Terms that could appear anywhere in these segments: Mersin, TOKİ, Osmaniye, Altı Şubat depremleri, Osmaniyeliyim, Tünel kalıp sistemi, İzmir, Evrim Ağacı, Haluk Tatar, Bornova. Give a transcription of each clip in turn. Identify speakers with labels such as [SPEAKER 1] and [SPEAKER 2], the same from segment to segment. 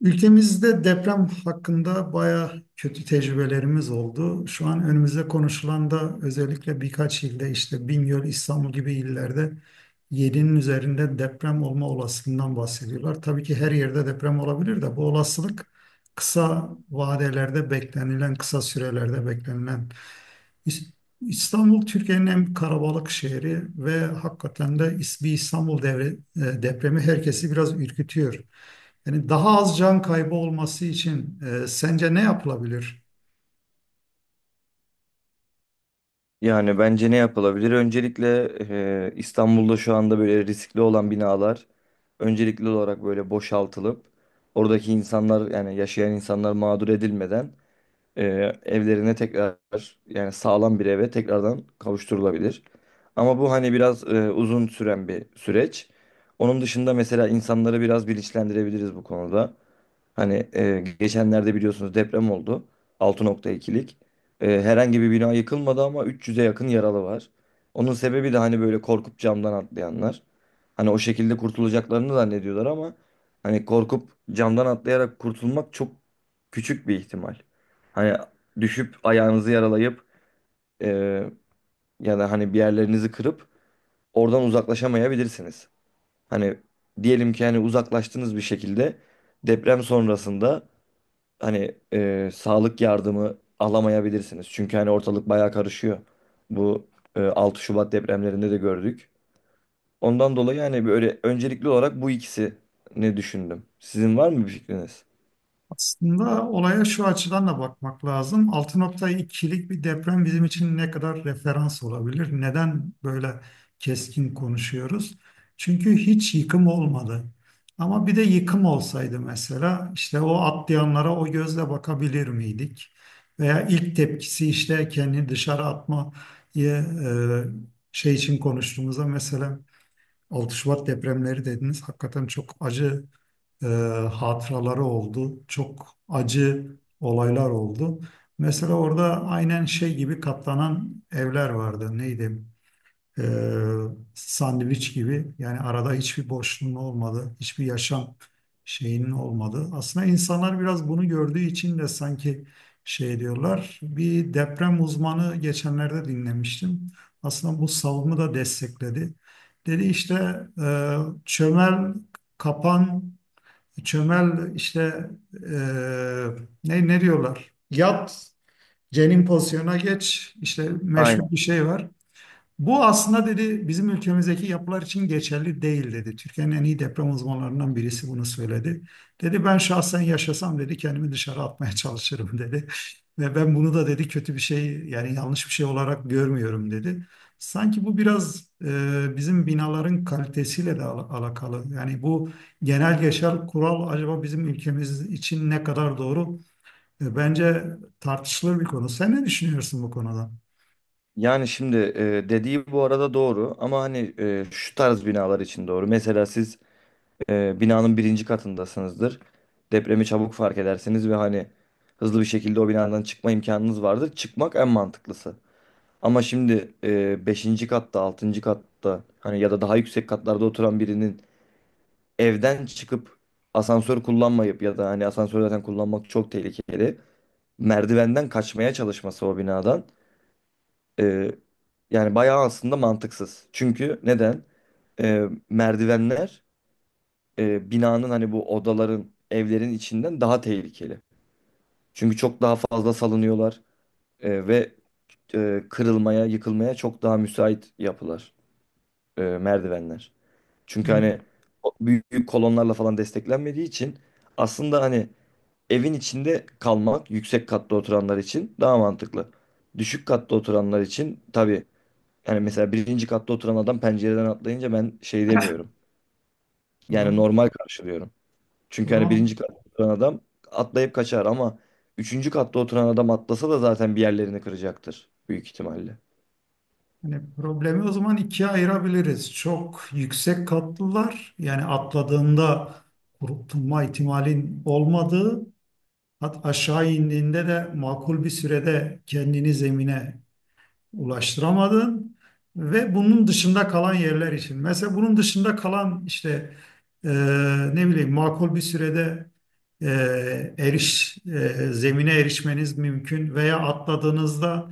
[SPEAKER 1] Ülkemizde deprem hakkında bayağı kötü tecrübelerimiz oldu. Şu an önümüzde konuşulan da özellikle birkaç ilde işte Bingöl, İstanbul gibi illerde 7'nin üzerinde deprem olma olasılığından bahsediyorlar. Tabii ki her yerde deprem olabilir de bu olasılık kısa vadelerde beklenilen, kısa sürelerde beklenilen. İs- İstanbul Türkiye'nin en karabalık şehri ve hakikaten de is- bir İstanbul depremi herkesi biraz ürkütüyor. Yani daha az can kaybı olması için sence ne yapılabilir?
[SPEAKER 2] Yani bence ne yapılabilir? Öncelikle İstanbul'da şu anda böyle riskli olan binalar öncelikli olarak böyle boşaltılıp oradaki insanlar yani yaşayan insanlar mağdur edilmeden e, evlerine tekrar yani sağlam bir eve tekrardan kavuşturulabilir. Ama bu hani biraz uzun süren bir süreç. Onun dışında mesela insanları biraz bilinçlendirebiliriz bu konuda. Hani geçenlerde biliyorsunuz deprem oldu. 6.2'lik. Herhangi bir bina yıkılmadı ama 300'e yakın yaralı var. Onun sebebi de hani böyle korkup camdan atlayanlar. Hani o şekilde kurtulacaklarını zannediyorlar ama hani korkup camdan atlayarak kurtulmak çok küçük bir ihtimal. Hani düşüp ayağınızı yaralayıp e, ya da hani bir yerlerinizi kırıp oradan uzaklaşamayabilirsiniz. Hani diyelim ki hani uzaklaştınız bir şekilde deprem sonrasında hani sağlık yardımı alamayabilirsiniz. Çünkü hani ortalık bayağı karışıyor. Bu 6 Şubat depremlerinde de gördük. Ondan dolayı hani böyle öncelikli olarak bu ikisi ne düşündüm. Sizin var mı bir fikriniz?
[SPEAKER 1] Aslında olaya şu açıdan da bakmak lazım. 6.2'lik bir deprem bizim için ne kadar referans olabilir? Neden böyle keskin konuşuyoruz? Çünkü hiç yıkım olmadı. Ama bir de yıkım olsaydı mesela işte o atlayanlara o gözle bakabilir miydik? Veya ilk tepkisi işte kendini dışarı atma e, şey için konuştuğumuzda mesela 6 Şubat depremleri dediniz. Hakikaten çok acı e, hatıraları oldu. Çok acı olaylar oldu. Mesela orada aynen şey gibi katlanan evler vardı. Neydi? Ee, sandviç gibi. Yani arada hiçbir boşluğun olmadı, hiçbir yaşam şeyinin olmadı. Aslında insanlar biraz bunu gördüğü için de sanki şey diyorlar. Bir deprem uzmanı geçenlerde dinlemiştim. Aslında bu savunumu da destekledi. Dedi işte e, çömel kapan, çömel işte e, ne diyorlar? Yat, cenin pozisyonuna geç. İşte meşhur
[SPEAKER 2] Aynen.
[SPEAKER 1] bir şey var. Bu aslında dedi bizim ülkemizdeki yapılar için geçerli değil dedi. Türkiye'nin en iyi deprem uzmanlarından birisi bunu söyledi. Dedi ben şahsen yaşasam dedi kendimi dışarı atmaya çalışırım dedi. Ve ben bunu da dedi kötü bir şey yani yanlış bir şey olarak görmüyorum dedi. Sanki bu biraz bizim binaların kalitesiyle de alakalı. Yani bu genel geçer kural acaba bizim ülkemiz için ne kadar doğru? Bence tartışılır bir konu. Sen ne düşünüyorsun bu konuda?
[SPEAKER 2] Yani şimdi dediği bu arada doğru ama hani şu tarz binalar için doğru. Mesela siz binanın birinci katındasınızdır. Depremi çabuk fark edersiniz ve hani hızlı bir şekilde o binadan çıkma imkanınız vardır. Çıkmak en mantıklısı. Ama şimdi 5. katta, 6. katta hani ya da daha yüksek katlarda oturan birinin evden çıkıp asansör kullanmayıp ya da hani asansör zaten kullanmak çok tehlikeli. Merdivenden kaçmaya çalışması o binadan e, yani bayağı aslında mantıksız. Çünkü neden? Merdivenler binanın hani bu odaların, evlerin içinden daha tehlikeli. Çünkü çok daha fazla salınıyorlar ve kırılmaya, yıkılmaya çok daha müsait yapılar, merdivenler. Çünkü hani
[SPEAKER 1] Yani
[SPEAKER 2] o büyük kolonlarla falan desteklenmediği için aslında hani evin içinde kalmak yüksek katta oturanlar için daha mantıklı. Düşük katta oturanlar için tabii yani mesela birinci katta oturan adam pencereden atlayınca ben şey demiyorum.
[SPEAKER 1] o
[SPEAKER 2] Yani
[SPEAKER 1] zaman,
[SPEAKER 2] normal karşılıyorum.
[SPEAKER 1] o
[SPEAKER 2] Çünkü hani
[SPEAKER 1] zaman
[SPEAKER 2] birinci katta oturan adam atlayıp kaçar ama üçüncü katta oturan adam atlasa da zaten bir yerlerini kıracaktır büyük ihtimalle.
[SPEAKER 1] yani problemi o zaman ikiye ayırabiliriz. Çok yüksek katlılar yani atladığında kurtulma ihtimalin olmadığı, hat aşağı indiğinde de makul bir sürede kendini zemine ulaştıramadın ve bunun dışında kalan yerler için. Mesela bunun dışında kalan işte e, ne bileyim makul bir sürede zemine erişmeniz mümkün veya atladığınızda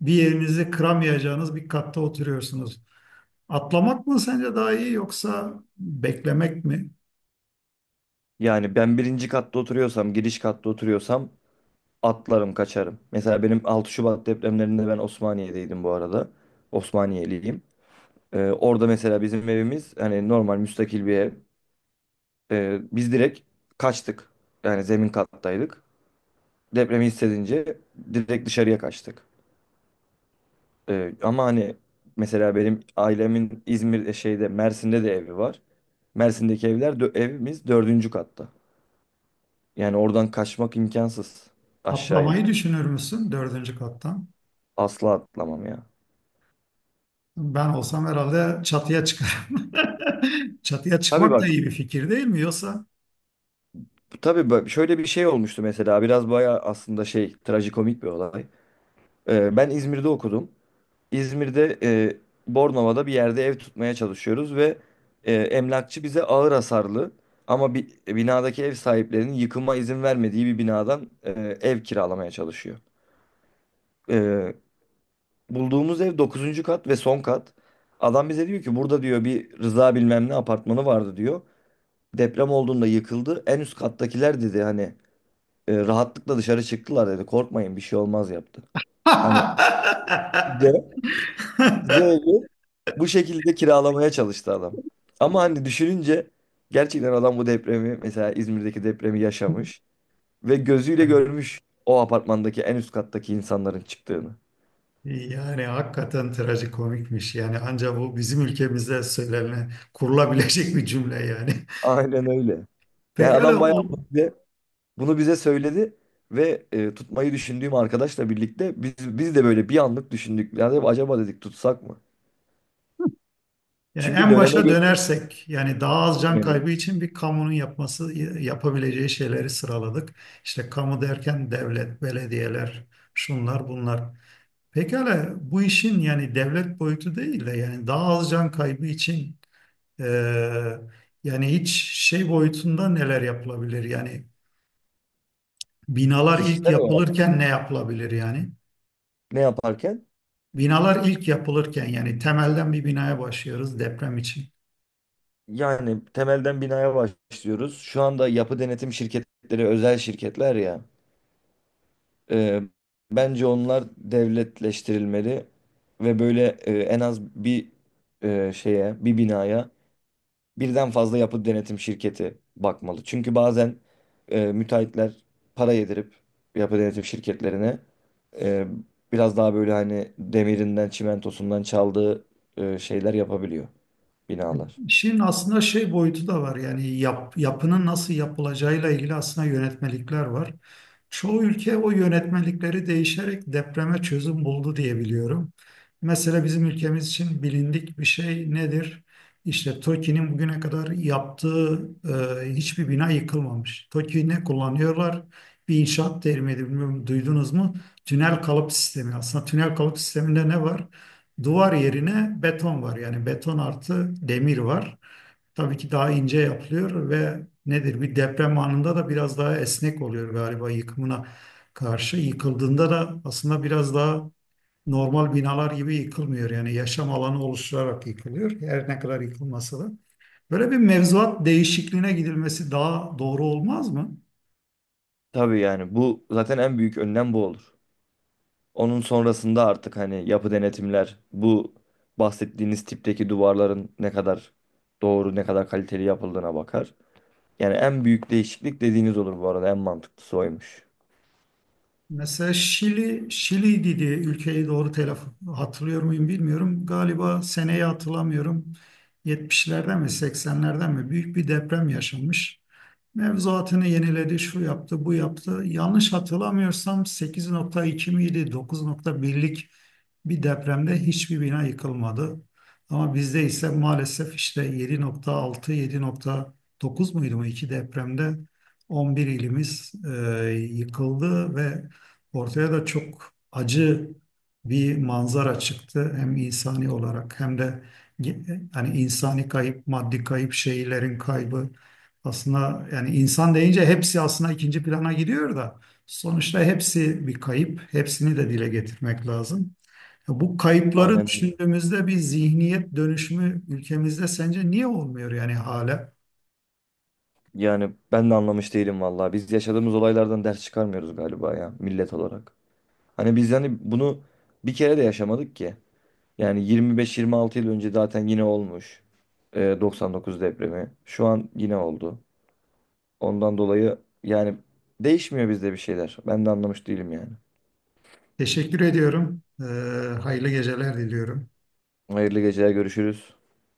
[SPEAKER 1] bir yerinizi kıramayacağınız bir katta oturuyorsunuz. Atlamak mı sence daha iyi yoksa beklemek mi?
[SPEAKER 2] Yani ben birinci katta oturuyorsam, giriş katta oturuyorsam atlarım, kaçarım. Mesela benim 6 Şubat depremlerinde ben Osmaniye'deydim bu arada. Osmaniyeliyim. Orada mesela bizim evimiz hani normal müstakil bir ev. Biz direkt kaçtık. Yani zemin kattaydık. Depremi hissedince direkt dışarıya kaçtık. Ama hani mesela benim ailemin İzmir şeyde Mersin'de de evi var. Mersin'deki evimiz dördüncü katta. Yani oradan kaçmak imkansız aşağıya.
[SPEAKER 1] Atlamayı düşünür müsün dördüncü kattan?
[SPEAKER 2] Asla atlamam ya.
[SPEAKER 1] Ben olsam herhalde çatıya çıkarım. Çatıya
[SPEAKER 2] Tabii
[SPEAKER 1] çıkmak da
[SPEAKER 2] bak
[SPEAKER 1] iyi bir fikir değil mi yoksa?
[SPEAKER 2] Tabii bak şöyle bir şey olmuştu mesela biraz bayağı aslında şey trajikomik bir olay. Ben İzmir'de okudum. İzmir'de Bornova'da bir yerde ev tutmaya çalışıyoruz ve emlakçı bize ağır hasarlı ama binadaki ev sahiplerinin yıkıma izin vermediği bir binadan ev kiralamaya çalışıyor. Ee, Bulduğumuz ev dokuzuncu kat ve son kat. Adam bize diyor ki burada diyor bir Rıza bilmem ne apartmanı vardı diyor. Deprem olduğunda yıkıldı. En üst kattakiler dedi hani rahatlıkla dışarı çıktılar dedi. Korkmayın bir şey olmaz yaptı. Hani bize de evi bu şekilde kiralamaya çalıştı adam. Ama hani düşününce gerçekten adam bu depremi mesela İzmir'deki depremi yaşamış ve gözüyle görmüş o apartmandaki en üst kattaki insanların çıktığını.
[SPEAKER 1] Yani hakikaten trajikomikmiş. Yani ancak bu bizim ülkemizde söylenen kurulabilecek bir cümle yani.
[SPEAKER 2] Aynen öyle. Yani
[SPEAKER 1] Pekala
[SPEAKER 2] adam bayağı
[SPEAKER 1] o,
[SPEAKER 2] bunu bize söyledi ve tutmayı düşündüğüm arkadaşla birlikte biz de böyle bir anlık düşündük. Yani acaba dedik tutsak mı?
[SPEAKER 1] yani
[SPEAKER 2] Çünkü
[SPEAKER 1] en
[SPEAKER 2] döneme
[SPEAKER 1] başa
[SPEAKER 2] göre
[SPEAKER 1] dönersek yani daha az can kaybı için bir kamunun yapması yapabileceği şeyleri sıraladık. İşte kamu derken devlet, belediyeler, şunlar bunlar. Pekala bu işin yani devlet boyutu değil de yani daha az can kaybı için Ee, yani hiç şey boyutunda neler yapılabilir? Yani binalar ilk
[SPEAKER 2] kişisel olarak
[SPEAKER 1] yapılırken ne yapılabilir yani?
[SPEAKER 2] ne yaparken
[SPEAKER 1] Binalar ilk yapılırken yani temelden bir binaya başlıyoruz deprem için.
[SPEAKER 2] yani temelden binaya başlıyoruz. Şu anda yapı denetim şirketleri özel şirketler ya. e, Bence onlar devletleştirilmeli ve böyle en az bir şeye, bir binaya birden fazla yapı denetim şirketi bakmalı. Çünkü bazen müteahhitler para yedirip yapı denetim şirketlerine e, biraz daha böyle hani demirinden, çimentosundan çaldığı şeyler yapabiliyor binalar.
[SPEAKER 1] İşin aslında şey boyutu da var yani yapının nasıl yapılacağıyla ilgili aslında yönetmelikler var. Çoğu ülke o yönetmelikleri değişerek depreme çözüm buldu diye biliyorum. Mesela bizim ülkemiz için bilindik bir şey nedir? İşte TOKİ'nin bugüne kadar yaptığı hiçbir bina yıkılmamış. TOKİ ne kullanıyorlar? Bir inşaat terimi bilmiyorum duydunuz mu? Tünel kalıp sistemi. Aslında tünel kalıp sisteminde ne var? Duvar yerine beton var. Yani beton artı demir var. Tabii ki daha ince yapılıyor ve nedir bir deprem anında da biraz daha esnek oluyor galiba yıkımına karşı. Yıkıldığında da aslında biraz daha normal binalar gibi yıkılmıyor. Yani yaşam alanı oluşturarak yıkılıyor. Her ne kadar yıkılmasa da. Böyle bir mevzuat değişikliğine gidilmesi daha doğru olmaz mı?
[SPEAKER 2] Tabii yani bu zaten en büyük önlem bu olur. Onun sonrasında artık hani yapı denetimler bu bahsettiğiniz tipteki duvarların ne kadar doğru, ne kadar kaliteli yapıldığına bakar. Yani en büyük değişiklik dediğiniz olur bu arada en mantıklısı oymuş.
[SPEAKER 1] Mesela Şili, Şili'ydi diye ülkeyi doğru telaffuz hatırlıyor muyum bilmiyorum. Galiba seneyi hatırlamıyorum. 70'lerden mi 80'lerden mi büyük bir deprem yaşanmış. Mevzuatını yeniledi, şu yaptı, bu yaptı. Yanlış hatırlamıyorsam 8.2 miydi, 9.1'lik bir depremde hiçbir bina yıkılmadı. Ama bizde ise maalesef işte 7.6, 7.9 muydu mu iki depremde 11 ilimiz yıkıldı ve ortaya da çok acı bir manzara çıktı. Hem insani olarak hem de hani insani kayıp, maddi kayıp, şehirlerin kaybı. Aslında yani insan deyince hepsi aslında ikinci plana gidiyor da sonuçta hepsi bir kayıp. Hepsini de dile getirmek lazım. Ya bu kayıpları
[SPEAKER 2] Aynen öyle.
[SPEAKER 1] düşündüğümüzde bir zihniyet dönüşümü ülkemizde sence niye olmuyor yani hala?
[SPEAKER 2] Yani ben de anlamış değilim vallahi. Biz yaşadığımız olaylardan ders çıkarmıyoruz galiba ya millet olarak. Hani biz yani bunu bir kere de yaşamadık ki. Yani 25-26 yıl önce zaten yine olmuş. 99 depremi. Şu an yine oldu. Ondan dolayı yani değişmiyor bizde bir şeyler. Ben de anlamış değilim yani.
[SPEAKER 1] Teşekkür ediyorum. Hayırlı geceler diliyorum.
[SPEAKER 2] Hayırlı geceler görüşürüz.